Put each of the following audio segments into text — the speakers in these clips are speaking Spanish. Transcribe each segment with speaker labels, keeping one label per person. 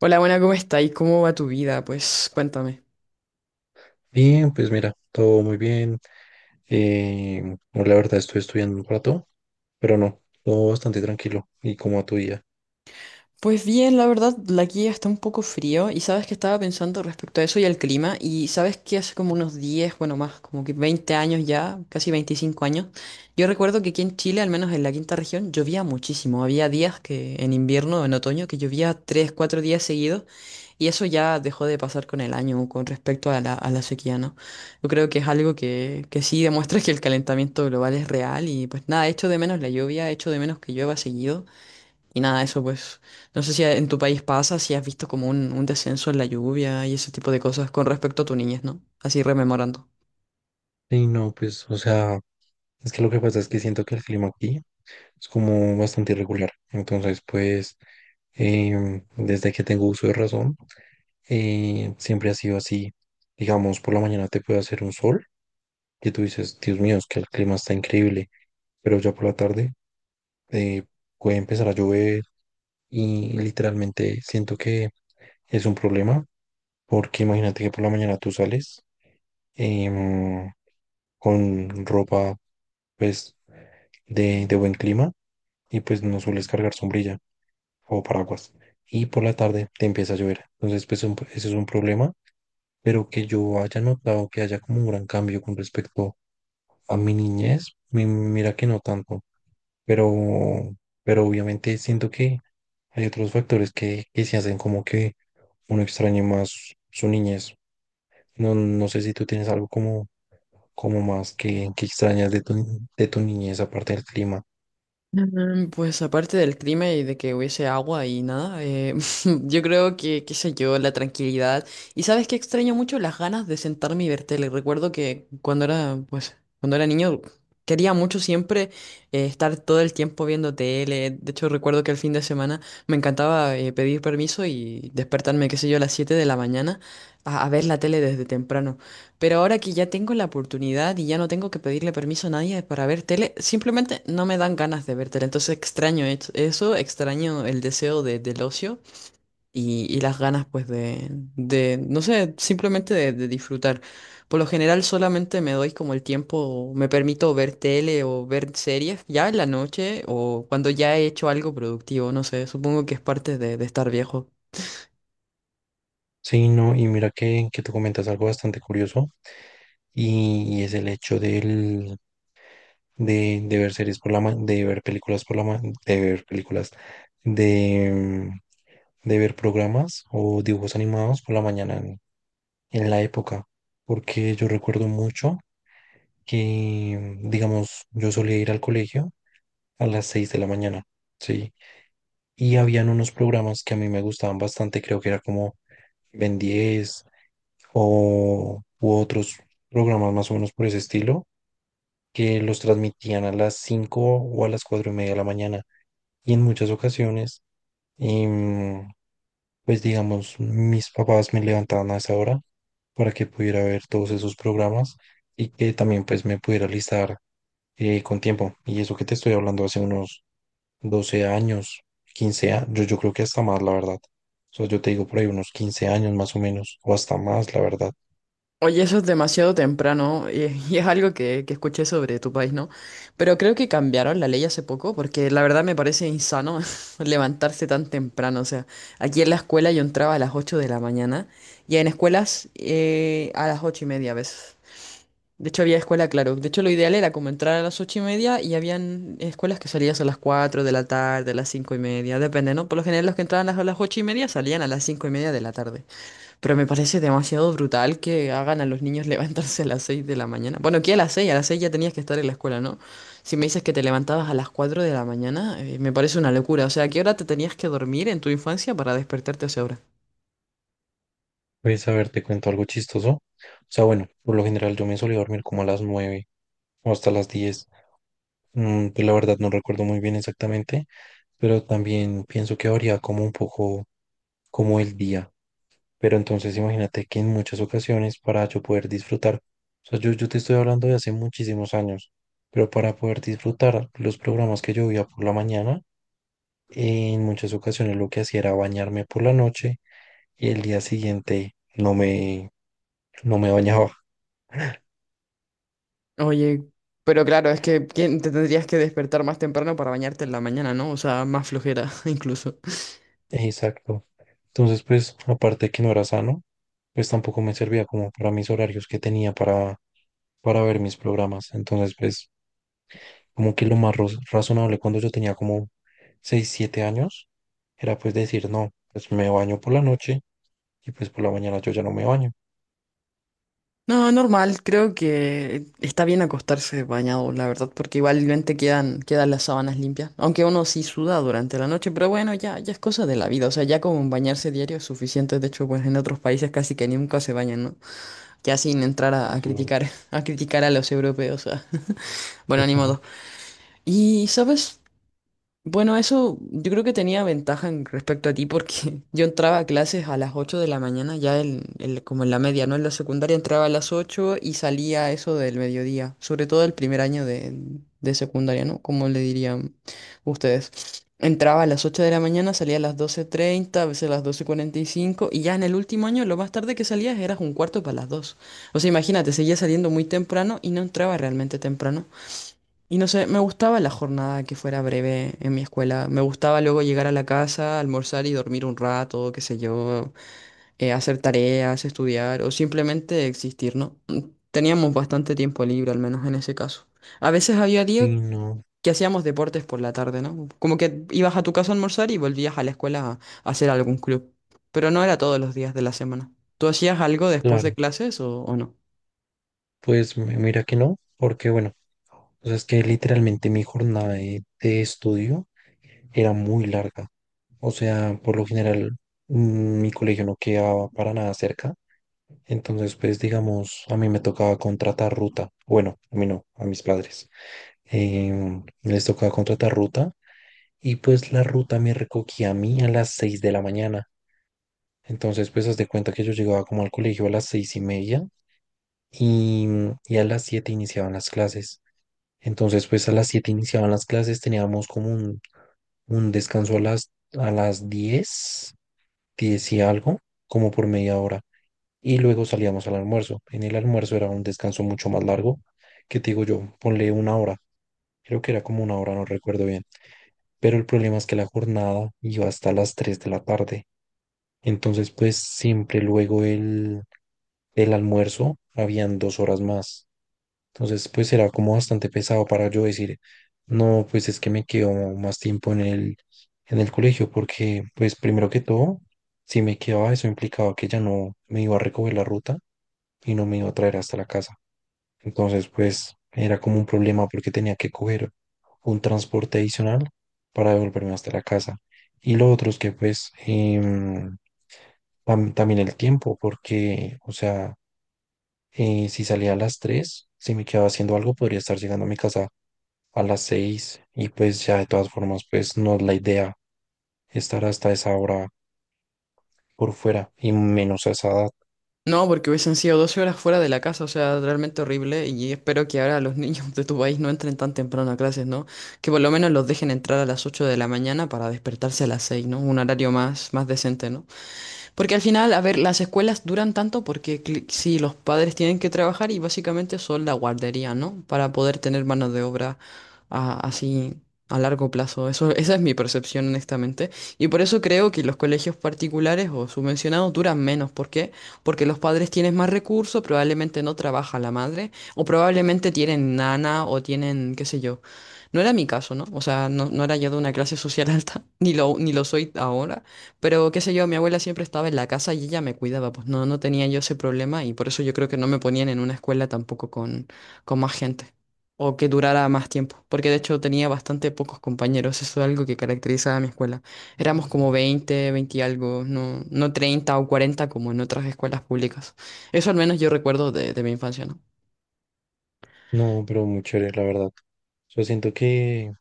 Speaker 1: Hola, buena, ¿cómo está? ¿Y cómo va tu vida? Pues cuéntame.
Speaker 2: Bien, pues mira, todo muy bien. Eh, bueno, la verdad estoy estudiando un rato, pero no, todo bastante tranquilo y como a tu día.
Speaker 1: Pues bien, la verdad, la aquí está un poco frío y sabes que estaba pensando respecto a eso y al clima y sabes que hace como unos 10, bueno, más como que 20 años ya, casi 25 años, yo recuerdo que aquí en Chile, al menos en la quinta región, llovía muchísimo. Había días que en invierno, en otoño, que llovía 3, 4 días seguidos. Y eso ya dejó de pasar con el año con respecto a la sequía, ¿no? Yo creo que es algo que sí demuestra que el calentamiento global es real y pues nada, echo de menos la lluvia, echo de menos que llueva seguido y nada, eso pues no sé si en tu país pasa, si has visto como un descenso en la lluvia y ese tipo de cosas con respecto a tu niñez, ¿no? Así rememorando.
Speaker 2: Y no, pues, o sea, es que lo que pasa es que siento que el clima aquí es como bastante irregular. Entonces, pues, desde que tengo uso de razón, siempre ha sido así. Digamos, por la mañana te puede hacer un sol que tú dices, Dios mío, es que el clima está increíble, pero ya por la tarde eh, puede empezar a llover y literalmente siento que es un problema, porque imagínate que por la mañana tú sales, em, con ropa pues de buen clima, y pues no sueles cargar sombrilla o paraguas y por la tarde te empieza a llover. Entonces pues ese es un problema, pero que yo haya notado que haya como un gran cambio con respecto a mi niñez, mira que no tanto, pero, pero obviamente siento que hay otros factores que se hacen como que uno extrañe más su niñez. No, no sé si tú tienes algo como, como más que extrañas de tu niñez, aparte del clima.
Speaker 1: Mm, pues aparte del clima y de que hubiese agua y nada, yo creo que, qué sé yo, la tranquilidad. Y sabes que extraño mucho las ganas de sentarme y ver tele. Recuerdo que cuando era, pues, cuando era niño quería mucho siempre estar todo el tiempo viendo tele. De hecho, recuerdo que el fin de semana me encantaba pedir permiso y despertarme, qué sé yo, a las 7 de la mañana a ver la tele desde temprano. Pero ahora que ya tengo la oportunidad y ya no tengo que pedirle permiso a nadie para ver tele, simplemente no me dan ganas de ver tele. Entonces extraño eso, extraño el deseo de, del ocio y las ganas pues de, no sé, simplemente de disfrutar. Por lo general solamente me doy como el tiempo, me permito ver tele o ver series ya en la noche o cuando ya he hecho algo productivo, no sé, supongo que es parte de estar viejo.
Speaker 2: Sí, no, y mira que tú comentas algo bastante curioso y es el hecho del, de ver series por la ma- de ver películas por la ma- de ver películas, de, de ver programas o dibujos animados por la mañana en la época, porque yo recuerdo mucho que, digamos, yo solía ir al colegio a las 6 de la mañana, ¿sí? Y habían unos programas que a mí me gustaban bastante, creo que era como Ben 10 o u otros programas más o menos por ese estilo, que los transmitían a las 5 o a las 4 y media de la mañana. Y en muchas ocasiones em, pues digamos, mis papás me levantaban a esa hora para que pudiera ver todos esos programas y que también pues me pudiera listar, con tiempo. Y eso que te estoy hablando hace unos 12 años, 15 años, yo creo que hasta más, la verdad. O sea, yo te digo por ahí unos 15 años más o menos, o hasta más, la verdad.
Speaker 1: Oye, eso es demasiado temprano y, y es algo que escuché sobre tu país, ¿no? Pero creo que cambiaron la ley hace poco porque la verdad me parece insano levantarse tan temprano. O sea, aquí en la escuela yo entraba a las 8 de la mañana y en escuelas a las 8:30 a veces. De hecho, había escuela, claro. De hecho, lo ideal era como entrar a las 8:30 y habían escuelas que salías a las 4 de la tarde, a las 5:30, depende, ¿no? Por lo general los que entraban a las 8:30 salían a las 5:30 de la tarde. Pero me parece demasiado brutal que hagan a los niños levantarse a las 6 de la mañana. Bueno, aquí a las 6, a las 6 ya tenías que estar en la escuela, ¿no? Si me dices que te levantabas a las 4 de la mañana, me parece una locura. O sea, ¿a qué hora te tenías que dormir en tu infancia para despertarte a esa hora?
Speaker 2: Pues a ver, te cuento algo chistoso. O sea, bueno, por lo general yo me solía dormir como a las 9 o hasta las 10. Pues la verdad no recuerdo muy bien exactamente, pero también pienso que varía como un poco como el día. Pero entonces imagínate que en muchas ocasiones para yo poder disfrutar, o sea, yo te estoy hablando de hace muchísimos años, pero para poder disfrutar los programas que yo veía por la mañana, en muchas ocasiones lo que hacía era bañarme por la noche y el día siguiente no me bañaba.
Speaker 1: Oye, pero claro, es que ¿quién te tendrías que despertar más temprano para bañarte en la mañana, ¿no? O sea, más flojera incluso.
Speaker 2: Exacto. Entonces, pues, aparte de que no era sano, pues tampoco me servía como para mis horarios que tenía para ver mis programas. Entonces, pues, como que lo más razonable cuando yo tenía como 6 7 años, era pues decir, no, pues me baño por la noche y pues por la mañana yo ya no me baño.
Speaker 1: No, normal, creo que está bien acostarse bañado, la verdad, porque igualmente quedan las sábanas limpias, aunque uno sí suda durante la noche, pero bueno, ya, ya es cosa de la vida, o sea, ya como bañarse diario es suficiente, de hecho, pues en otros países casi que nunca se bañan, ¿no? Ya sin entrar a
Speaker 2: Eso es verdad.
Speaker 1: criticar, a criticar a los europeos, ah. Bueno, ni modo. Y, ¿sabes? Bueno, eso yo creo que tenía ventaja en respecto a ti porque yo entraba a clases a las 8 de la mañana, ya como en la media, ¿no? En la secundaria entraba a las 8 y salía a eso del mediodía, sobre todo el primer año de secundaria, ¿no? Como le dirían ustedes. Entraba a las 8 de la mañana, salía a las 12:30 a veces a las 12:45 y ya en el último año lo más tarde que salías eras un cuarto para las 2. O sea, imagínate, seguía saliendo muy temprano y no entraba realmente temprano. Y no sé, me gustaba la jornada que fuera breve en mi escuela. Me gustaba luego llegar a la casa, almorzar y dormir un rato, qué sé yo, hacer tareas, estudiar o simplemente existir, ¿no? Teníamos bastante tiempo libre, al menos en ese caso. A veces había
Speaker 2: Sí,
Speaker 1: días
Speaker 2: no,
Speaker 1: que hacíamos deportes por la tarde, ¿no? Como que ibas a tu casa a almorzar y volvías a la escuela a hacer algún club. Pero no era todos los días de la semana. ¿Tú hacías algo después de
Speaker 2: claro.
Speaker 1: clases o no?
Speaker 2: Pues mira que no, porque bueno, o sea, es que literalmente mi jornada de estudio era muy larga. O sea, por lo general, mi colegio no quedaba para nada cerca. Entonces, pues digamos, a mí me tocaba contratar ruta. Bueno, a mí no, a mis padres. Les tocaba contratar ruta y pues la ruta me recogía a mí a las 6 de la mañana. Entonces, pues haz de cuenta que yo llegaba como al colegio a las 6 y media y, y a las 7 iniciaban las clases. Entonces, pues a las 7 iniciaban las clases, teníamos como un descanso a las diez, 10 y algo, como por media hora. Y luego salíamos al almuerzo. En el almuerzo era un descanso mucho más largo, que te digo yo, ponle 1 hora. Creo que era como 1 hora, no recuerdo bien. Pero el problema es que la jornada iba hasta las 3 de la tarde. Entonces, pues siempre luego el almuerzo habían 2 horas más. Entonces, pues será como bastante pesado para yo decir, no, pues es que me quedo más tiempo en el colegio, porque, pues primero que todo, si me quedaba, eso implicaba que ya no me iba a recoger la ruta y no me iba a traer hasta la casa. Entonces, pues era como un problema porque tenía que coger un transporte adicional para devolverme hasta la casa. Y lo otro es que, pues, también el tiempo, porque, o sea, si salía a las 3, si me quedaba haciendo algo, podría estar llegando a mi casa a las 6 y pues ya de todas formas pues no es la idea estar hasta esa hora por fuera y menos a esa edad.
Speaker 1: No, porque hubiesen sido 12 horas fuera de la casa, o sea, realmente horrible. Y espero que ahora los niños de tu país no entren tan temprano a clases, ¿no? Que por lo menos los dejen entrar a las 8 de la mañana para despertarse a las 6, ¿no? Un horario más, más decente, ¿no? Porque al final, a ver, las escuelas duran tanto porque sí, los padres tienen que trabajar y básicamente son la guardería, ¿no? Para poder tener mano de obra así a largo plazo. Eso, esa es mi percepción, honestamente. Y por eso creo que los colegios particulares o subvencionados duran menos. ¿Por qué? Porque los padres tienen más recursos, probablemente no trabaja la madre, o probablemente tienen nana o tienen, qué sé yo. No era mi caso, ¿no? O sea, no, no era yo de una clase social alta, ni lo, ni lo soy ahora. Pero qué sé yo, mi abuela siempre estaba en la casa y ella me cuidaba, pues no, no tenía yo ese problema y por eso yo creo que no me ponían en una escuela tampoco con, con más gente o que durara más tiempo, porque de hecho tenía bastante pocos compañeros, eso es algo que caracteriza a mi escuela. Éramos como 20 20 y algo, no, no 30 o 40 como en otras escuelas públicas. Eso al menos yo recuerdo de mi infancia, ¿no?
Speaker 2: No, pero muy chévere, la verdad. Yo siento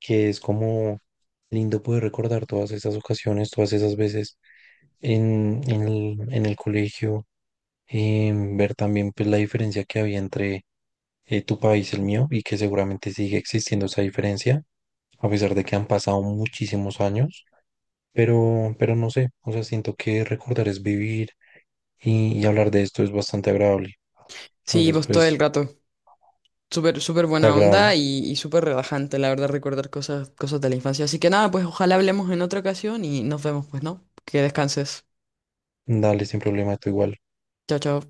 Speaker 2: que es como lindo poder recordar todas esas ocasiones, todas esas veces en el colegio, ver también pues la diferencia que había entre tu país y el mío y que seguramente sigue existiendo esa diferencia, a pesar de que han pasado muchísimos años. Pero no sé, o sea, siento que recordar es vivir y hablar de esto es bastante agradable.
Speaker 1: Sí,
Speaker 2: Entonces,
Speaker 1: pues todo el
Speaker 2: pues,
Speaker 1: rato. Súper, súper
Speaker 2: te
Speaker 1: buena onda
Speaker 2: agrado,
Speaker 1: y súper relajante, la verdad, recordar cosas, cosas de la infancia. Así que nada, pues ojalá hablemos en otra ocasión y nos vemos, pues, ¿no? Que descanses.
Speaker 2: dale sin problema, tú igual.
Speaker 1: Chao, chao.